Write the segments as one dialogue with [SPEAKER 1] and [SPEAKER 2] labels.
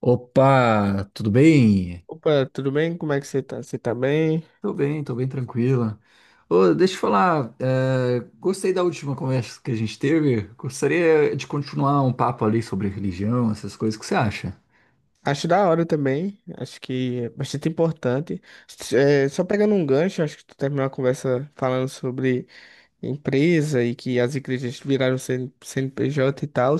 [SPEAKER 1] Opa, tudo bem?
[SPEAKER 2] Opa, tudo bem? Como é que você tá? Você tá bem?
[SPEAKER 1] Tô bem, tô bem tranquila. Ô, deixa eu falar, gostei da última conversa que a gente teve. Gostaria de continuar um papo ali sobre religião, essas coisas. O que você acha?
[SPEAKER 2] Acho da hora também. Acho que é bastante importante. Só pegando um gancho, acho que tu terminou a conversa falando sobre empresa e que as igrejas viraram CN CNPJ e tal.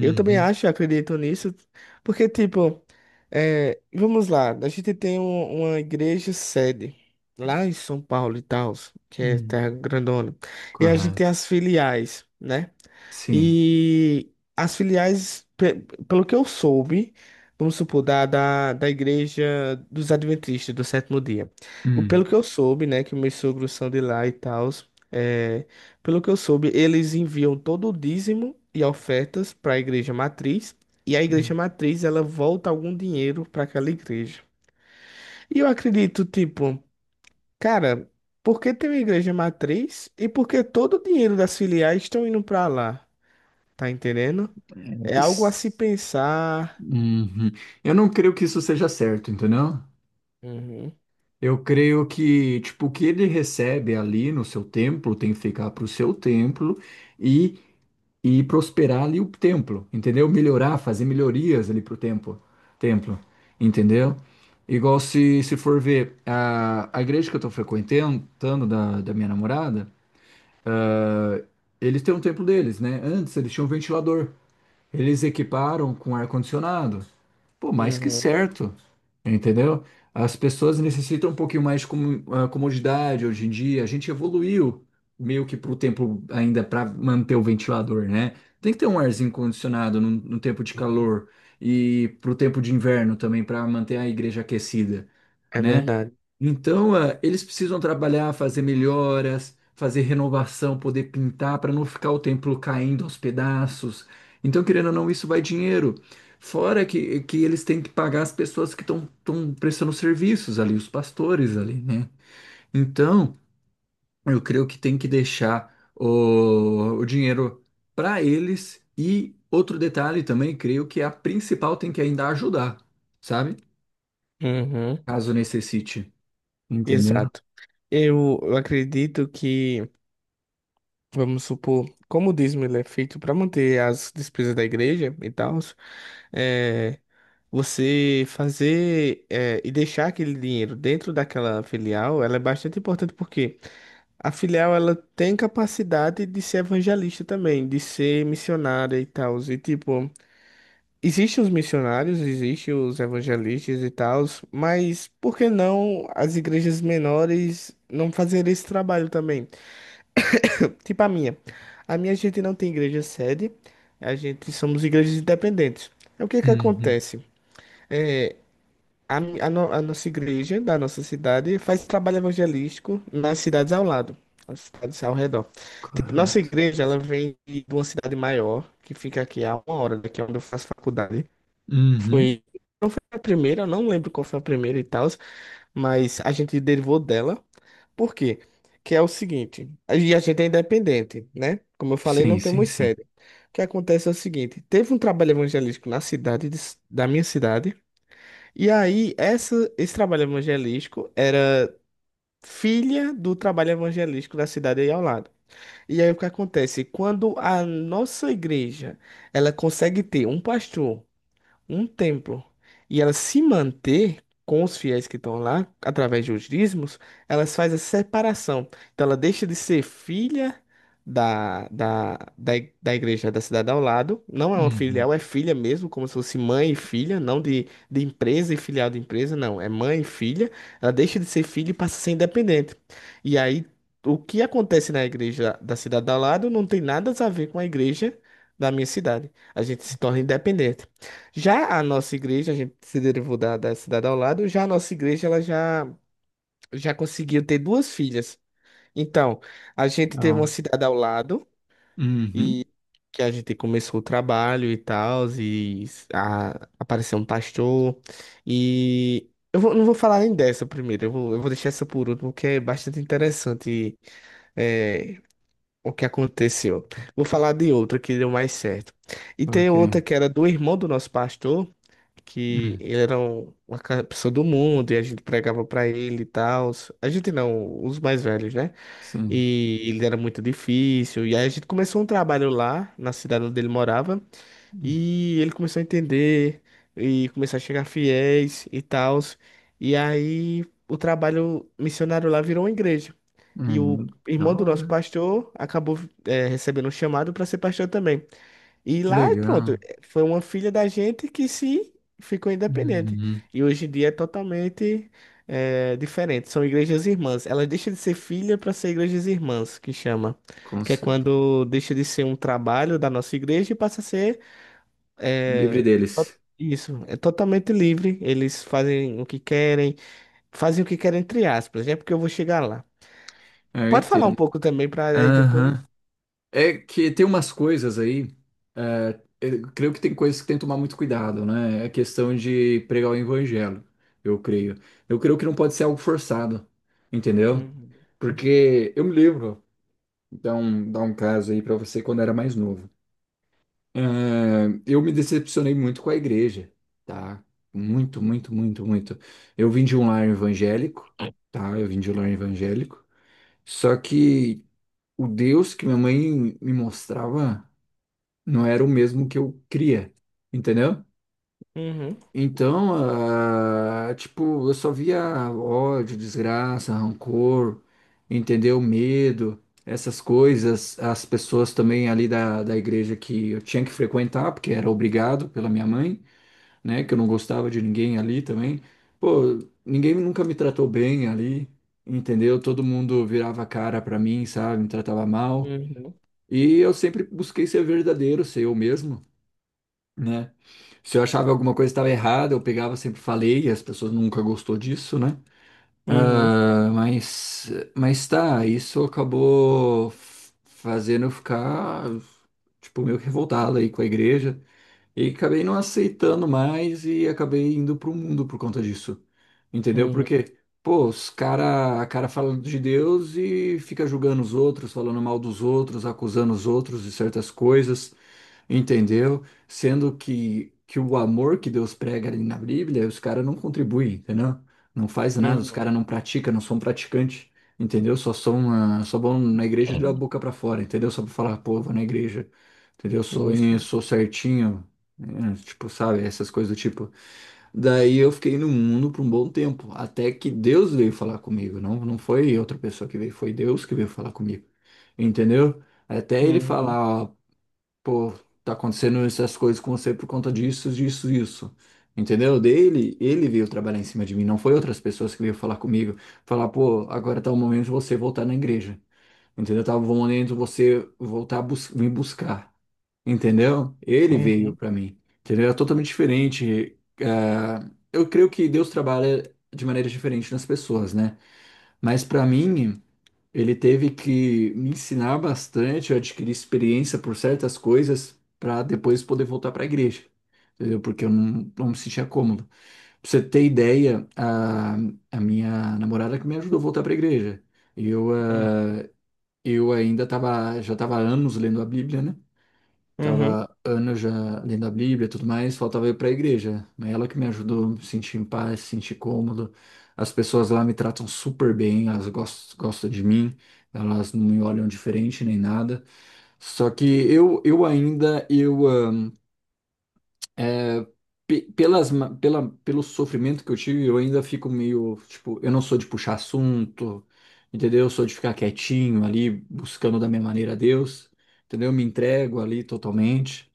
[SPEAKER 2] Eu também acho, acredito nisso, porque, tipo, vamos lá, a gente tem uma igreja sede lá em São Paulo e tal, que é
[SPEAKER 1] uhum,
[SPEAKER 2] terra grandona, e a gente tem
[SPEAKER 1] correto.
[SPEAKER 2] as filiais, né?
[SPEAKER 1] Sim.
[SPEAKER 2] E as filiais, pelo que eu soube, vamos supor, da Igreja dos Adventistas do Sétimo Dia.
[SPEAKER 1] Uhum,
[SPEAKER 2] Pelo que eu soube, né, que meus sogros são de lá e tal, é, pelo que eu soube, eles enviam todo o dízimo e ofertas para a Igreja Matriz. E a
[SPEAKER 1] uhum.
[SPEAKER 2] Igreja Matriz, ela volta algum dinheiro para aquela igreja. E eu acredito, tipo, cara, por que tem uma Igreja Matriz e por que todo o dinheiro das filiais estão indo para lá? Tá entendendo? É algo a
[SPEAKER 1] Isso.
[SPEAKER 2] se pensar.
[SPEAKER 1] Uhum. Eu não creio que isso seja certo, entendeu?
[SPEAKER 2] Uhum.
[SPEAKER 1] Eu creio que, tipo, o que ele recebe ali no seu templo tem que ficar pro seu templo e e prosperar ali o templo, entendeu? Melhorar, fazer melhorias ali pro templo, templo, entendeu? Igual se for ver a igreja que eu tô frequentando da minha namorada, ah, eles têm um templo deles, né? Antes eles tinham um ventilador. Eles equiparam com ar-condicionado. Pô, mais que
[SPEAKER 2] Uhum.
[SPEAKER 1] certo, entendeu? As pessoas necessitam um pouquinho mais de comodidade hoje em dia. A gente evoluiu meio que para o tempo ainda para manter o ventilador, né? Tem que ter um arzinho condicionado no tempo de calor e para o tempo de inverno também para manter a igreja aquecida,
[SPEAKER 2] É
[SPEAKER 1] né?
[SPEAKER 2] verdade.
[SPEAKER 1] Então, eles precisam trabalhar, fazer melhoras, fazer renovação, poder pintar para não ficar o templo caindo aos pedaços, então, querendo ou não, isso vai dinheiro. Fora que eles têm que pagar as pessoas que estão prestando serviços ali, os pastores ali, né? Então, eu creio que tem que deixar o dinheiro para eles. E outro detalhe também, creio que a principal tem que ainda ajudar, sabe?
[SPEAKER 2] Uhum.
[SPEAKER 1] Caso necessite. Entendeu?
[SPEAKER 2] Exato. Eu acredito que, vamos supor, como o dízimo ele é feito para manter as despesas da igreja e tal, é, você fazer e deixar aquele dinheiro dentro daquela filial, ela é bastante importante porque a filial ela tem capacidade de ser evangelista também, de ser missionária e tal. E tipo, existem os missionários, existem os evangelistas e tal, mas por que não as igrejas menores não fazerem esse trabalho também? Tipo a minha. A minha gente não tem igreja sede, a gente somos igrejas independentes. É, o que que
[SPEAKER 1] Uhum,
[SPEAKER 2] acontece? É, a no- a nossa igreja da nossa cidade faz trabalho evangelístico nas cidades ao lado, nas cidades ao redor. Tipo, nossa
[SPEAKER 1] correto.
[SPEAKER 2] igreja, ela vem de uma cidade maior, que fica aqui a uma hora daqui onde eu faço faculdade.
[SPEAKER 1] Uhum.
[SPEAKER 2] Foi. Não foi a primeira, eu não lembro qual foi a primeira e tal, mas a gente derivou dela. Por quê? Que é o seguinte, e a gente é independente, né? Como eu falei,
[SPEAKER 1] Sim,
[SPEAKER 2] não
[SPEAKER 1] sim,
[SPEAKER 2] temos
[SPEAKER 1] sim.
[SPEAKER 2] sede. O que acontece é o seguinte, teve um trabalho evangelístico na cidade, da minha cidade, e aí esse trabalho evangelístico é filha do trabalho evangelístico da cidade aí ao lado. E aí o que acontece? Quando a nossa igreja, ela consegue ter um pastor, um templo, e ela se manter com os fiéis que estão lá, através de os dízimos, elas faz a separação. Então ela deixa de ser filha da igreja da cidade ao lado, não é uma
[SPEAKER 1] Uhum.
[SPEAKER 2] filial, é filha mesmo, como se fosse mãe e filha, não de empresa e filial de empresa, não, é mãe e filha. Ela deixa de ser filha e passa a ser independente. E aí, o que acontece na igreja da cidade ao lado não tem nada a ver com a igreja da minha cidade. A gente se torna independente. Já a nossa igreja, a gente se derivou da cidade ao lado, já a nossa igreja ela já, conseguiu ter duas filhas. Então, a gente teve
[SPEAKER 1] Legal.
[SPEAKER 2] uma cidade ao lado
[SPEAKER 1] Uhum.
[SPEAKER 2] e que a gente começou o trabalho e tal, e apareceu um pastor. E não vou falar nem dessa primeiro, eu vou, deixar essa por último, porque é bastante interessante, é, o que aconteceu. Vou falar de outra que deu mais certo. E tem
[SPEAKER 1] Ok.
[SPEAKER 2] outra que era do irmão do nosso pastor, que
[SPEAKER 1] Hum.
[SPEAKER 2] ele era uma pessoa do mundo e a gente pregava pra ele e tal. A gente não, os mais velhos, né?
[SPEAKER 1] Sim.
[SPEAKER 2] E ele era muito difícil. E aí a gente começou um trabalho lá na cidade onde ele morava e ele começou a entender e começou a chegar fiéis e tal. E aí o trabalho missionário lá virou uma igreja. E o
[SPEAKER 1] Hum, da
[SPEAKER 2] irmão do nosso
[SPEAKER 1] hora.
[SPEAKER 2] pastor acabou recebendo um chamado para ser pastor também. E
[SPEAKER 1] Que
[SPEAKER 2] lá, pronto,
[SPEAKER 1] legal.
[SPEAKER 2] foi uma filha da gente que se ficou independente.
[SPEAKER 1] Uhum.
[SPEAKER 2] E hoje em dia é totalmente diferente. São igrejas irmãs. Ela deixa de ser filha para ser igrejas irmãs, que chama.
[SPEAKER 1] Com
[SPEAKER 2] Que é
[SPEAKER 1] cer-
[SPEAKER 2] quando deixa de ser um trabalho da nossa igreja e passa a ser
[SPEAKER 1] Livre
[SPEAKER 2] é, to-
[SPEAKER 1] deles.
[SPEAKER 2] isso, é totalmente livre. Eles fazem o que querem, fazem o que querem entre aspas, é porque eu vou chegar lá.
[SPEAKER 1] É, eu
[SPEAKER 2] Pode falar um
[SPEAKER 1] entendo.
[SPEAKER 2] pouco também para aí depois.
[SPEAKER 1] Aham. É que tem umas coisas aí. Eu creio que tem coisas que tem que tomar muito cuidado, né? É questão de pregar o evangelho, eu creio. Eu creio que não pode ser algo forçado, entendeu?
[SPEAKER 2] Uhum.
[SPEAKER 1] Porque eu me lembro. Então, dá um caso aí pra você quando era mais novo. É, eu me decepcionei muito com a igreja, tá? Muito, muito, muito, muito. Eu vim de um lar evangélico, tá? Eu vim de um lar evangélico. Só que o Deus que minha mãe me mostrava não era o mesmo que eu cria, entendeu?
[SPEAKER 2] Uhum.
[SPEAKER 1] Então, tipo, eu só via ódio, desgraça, rancor, entendeu? Medo, essas coisas. As pessoas também ali da igreja que eu tinha que frequentar, porque era obrigado pela minha mãe, né? Que eu não gostava de ninguém ali também. Pô, ninguém nunca me tratou bem ali, entendeu? Todo mundo virava a cara pra mim, sabe? Me tratava mal.
[SPEAKER 2] Uhum.
[SPEAKER 1] E eu sempre busquei ser verdadeiro, ser eu mesmo, né? Se eu achava alguma coisa estava errada, eu pegava, sempre falei, e as pessoas nunca gostou disso, né?
[SPEAKER 2] Uhum.
[SPEAKER 1] Ah, mas, mas tá, isso acabou fazendo eu ficar, tipo, meio que revoltado aí com a igreja. E acabei não aceitando mais e acabei indo pro mundo por conta disso. Entendeu?
[SPEAKER 2] Uhum.
[SPEAKER 1] Porque, pô, a cara fala de Deus e fica julgando os outros, falando mal dos outros, acusando os outros de certas coisas, entendeu? Sendo que o amor que Deus prega ali na Bíblia, os caras não contribuem, entendeu? Não faz nada, os
[SPEAKER 2] Uhum.
[SPEAKER 1] caras não praticam, não são praticantes, entendeu? Só são, só vão na igreja da boca pra fora, entendeu? Só pra falar, pô, vou na igreja. Entendeu?
[SPEAKER 2] Uhum.
[SPEAKER 1] Eu
[SPEAKER 2] Sim.
[SPEAKER 1] sou certinho, tipo, sabe, essas coisas do tipo. Daí eu fiquei no mundo por um bom tempo, até que Deus veio falar comigo, não foi outra pessoa que veio, foi Deus que veio falar comigo, entendeu? Até ele
[SPEAKER 2] Uhum.
[SPEAKER 1] falar, ó, pô, tá acontecendo essas coisas com você por conta disso, disso, isso, entendeu? Ele veio trabalhar em cima de mim, não foi outras pessoas que veio falar comigo, falar, pô, agora tá o momento de você voltar na igreja, entendeu? Tá o momento de você voltar a bus me buscar. Entendeu? Ele veio
[SPEAKER 2] Uhum.
[SPEAKER 1] para mim. Entendeu? É totalmente diferente. Ah, eu creio que Deus trabalha de maneira diferente nas pessoas, né? Mas para mim, ele teve que me ensinar bastante, eu adquiri experiência por certas coisas para depois poder voltar para a igreja. Entendeu? Porque eu não, não me sentia cômodo. Pra você ter ideia, a minha namorada que me ajudou a voltar para a igreja. Eu,
[SPEAKER 2] Uhum.
[SPEAKER 1] já estava há anos lendo a Bíblia, né?
[SPEAKER 2] Uhum.
[SPEAKER 1] Tava anos já lendo a Bíblia e tudo mais, faltava ir para a igreja. Mas ela que me ajudou a me sentir em paz, sentir cômodo. As pessoas lá me tratam super bem, elas gostam de mim, elas não me olham diferente nem nada. Só que eu ainda, eu, ah, pe- pelas, ma- pela, pelo sofrimento que eu tive, eu ainda fico meio, tipo, eu não sou de puxar assunto, entendeu? Eu sou de ficar quietinho ali, buscando da minha maneira a Deus, entendeu? Eu me entrego ali totalmente.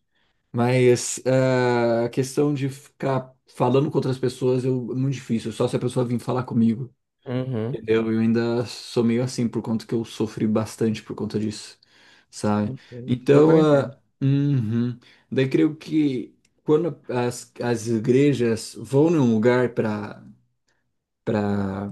[SPEAKER 1] Mas a questão de ficar falando com outras pessoas é muito difícil, só se a pessoa vir falar comigo,
[SPEAKER 2] Uhum.
[SPEAKER 1] entendeu? Eu ainda sou meio assim, por conta que eu sofri bastante por conta disso, sabe?
[SPEAKER 2] Entendo. Super
[SPEAKER 1] Então,
[SPEAKER 2] entendo.
[SPEAKER 1] uhum. Daí creio que quando as igrejas vão num lugar para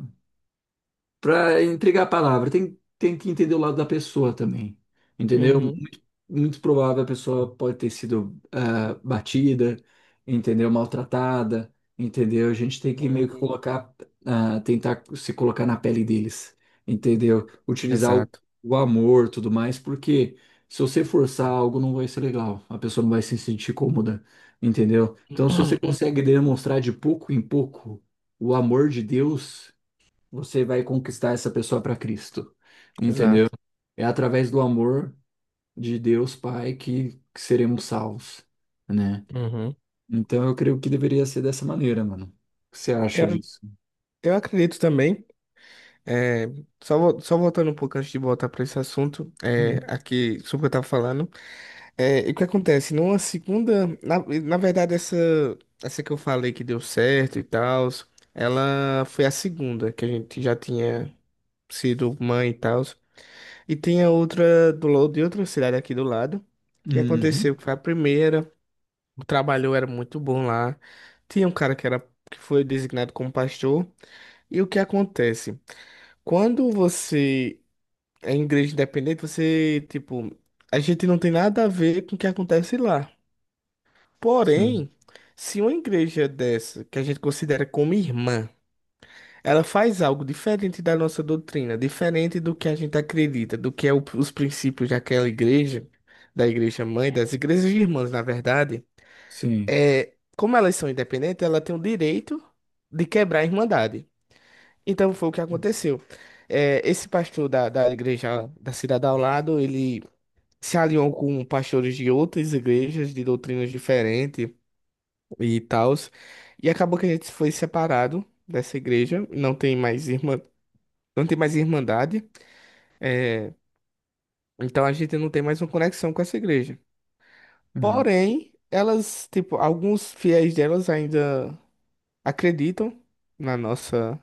[SPEAKER 1] para entregar a palavra. Tem que entender o lado da pessoa também, entendeu?
[SPEAKER 2] Uhum.
[SPEAKER 1] Muito, muito provável a pessoa pode ter sido batida, entendeu? Maltratada, entendeu? A gente tem que meio que
[SPEAKER 2] Uhum.
[SPEAKER 1] colocar, tentar se colocar na pele deles, entendeu? Utilizar
[SPEAKER 2] Exato.
[SPEAKER 1] o amor, tudo mais, porque se você forçar algo, não vai ser legal. A pessoa não vai se sentir cômoda, entendeu? Então, se você consegue demonstrar de pouco em pouco o amor de Deus, você vai conquistar essa pessoa para Cristo,
[SPEAKER 2] Uhum.
[SPEAKER 1] entendeu?
[SPEAKER 2] Exato.
[SPEAKER 1] É através do amor de Deus Pai que seremos salvos, né?
[SPEAKER 2] Uhum.
[SPEAKER 1] Então eu creio que deveria ser dessa maneira, mano. O que você acha
[SPEAKER 2] Eu,
[SPEAKER 1] disso?
[SPEAKER 2] eu acredito também. é, Só, só voltando um pouco antes de voltar para esse assunto,
[SPEAKER 1] Uhum.
[SPEAKER 2] aqui sobre o que eu estava falando. E o que acontece? Numa segunda. Na verdade, essa que eu falei que deu certo e tal, ela foi a segunda, que a gente já tinha sido mãe e tal. E tinha outra de outra cidade aqui do lado, que
[SPEAKER 1] Uhum.
[SPEAKER 2] aconteceu, que foi a primeira. O trabalho era muito bom lá. Tinha um cara que era, que foi designado como pastor. E o que acontece? Quando você é em igreja independente, você, tipo, a gente não tem nada a ver com o que acontece lá.
[SPEAKER 1] Sim,
[SPEAKER 2] Porém, se uma igreja dessa, que a gente considera como irmã, ela faz algo diferente da nossa doutrina, diferente do que a gente acredita, do que é os princípios daquela igreja, da igreja mãe, das igrejas irmãs, na verdade,
[SPEAKER 1] sim.
[SPEAKER 2] como elas são independentes, ela tem o direito de quebrar a irmandade. Então foi o que aconteceu. Esse pastor da igreja da cidade ao lado, ele se alinhou com pastores de outras igrejas, de doutrinas diferentes e tal. E acabou que a gente foi separado dessa igreja, não tem mais irmã, não tem mais irmandade. é, então a gente não tem mais uma conexão com essa igreja.
[SPEAKER 1] Uhum.
[SPEAKER 2] Porém, elas, tipo, alguns fiéis delas ainda acreditam na nossa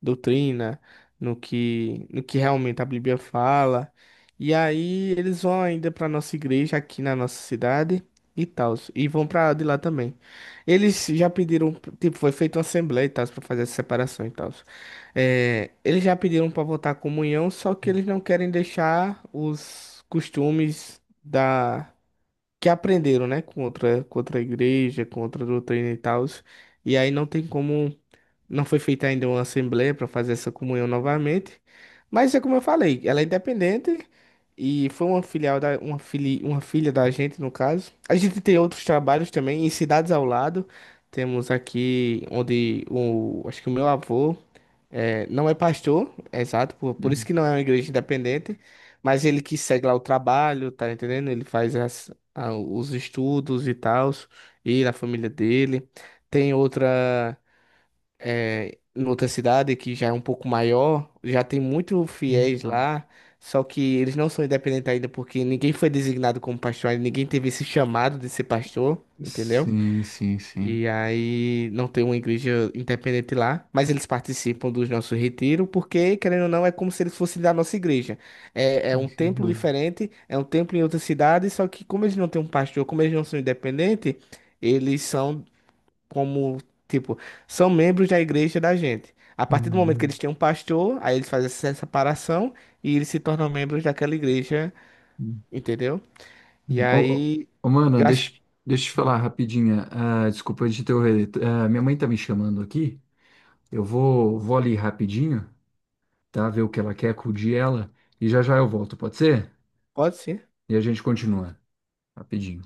[SPEAKER 2] doutrina, no que realmente a Bíblia fala. E aí eles vão ainda para nossa igreja aqui na nossa cidade e tal, e vão para de lá também. Eles já pediram, tipo, foi feita uma assembleia e tal para fazer essa separação e tal. Eles já pediram para votar comunhão, só que eles não querem deixar os costumes da que aprenderam, né, com outra igreja, com outra doutrina e tal. E aí não tem como, não foi feita ainda uma assembleia para fazer essa comunhão novamente, mas é como eu falei, ela é independente e foi uma filial uma filha da gente no caso. A gente tem outros trabalhos também em cidades ao lado. Temos aqui onde o acho que o meu avô não é pastor, é exato, por isso que
[SPEAKER 1] Uhum.
[SPEAKER 2] não é uma igreja independente, mas ele que segue lá o trabalho, tá entendendo? Ele faz os estudos e tal, e da família dele. Tem outra, em outra cidade que já é um pouco maior, já tem muito fiéis
[SPEAKER 1] Legal.
[SPEAKER 2] lá, só que eles não são independentes ainda porque ninguém foi designado como pastor, ainda ninguém teve esse chamado de ser pastor, entendeu?
[SPEAKER 1] Sim, sim, sim.
[SPEAKER 2] E aí não tem uma igreja independente lá, mas eles participam dos nossos retiros porque, querendo ou não, é como se eles fossem da nossa igreja. É um templo diferente, é um templo em outra cidade, só que como eles não têm um pastor, como eles não são independentes, eles são como, tipo, são membros da igreja da gente. A partir do momento que
[SPEAKER 1] Uhum.
[SPEAKER 2] eles têm um pastor, aí eles fazem essa separação e eles se tornam membros daquela igreja,
[SPEAKER 1] Uhum.
[SPEAKER 2] entendeu? E
[SPEAKER 1] Ô, ô,
[SPEAKER 2] aí,
[SPEAKER 1] ô, mano, deixa, deixa eu te falar rapidinho. Ah, desculpa de interromper. Ah, minha mãe tá me chamando aqui. Vou ali rapidinho, tá? Ver o que ela quer, acudir ela. E já já eu volto, pode ser?
[SPEAKER 2] pode sim.
[SPEAKER 1] E a gente continua rapidinho.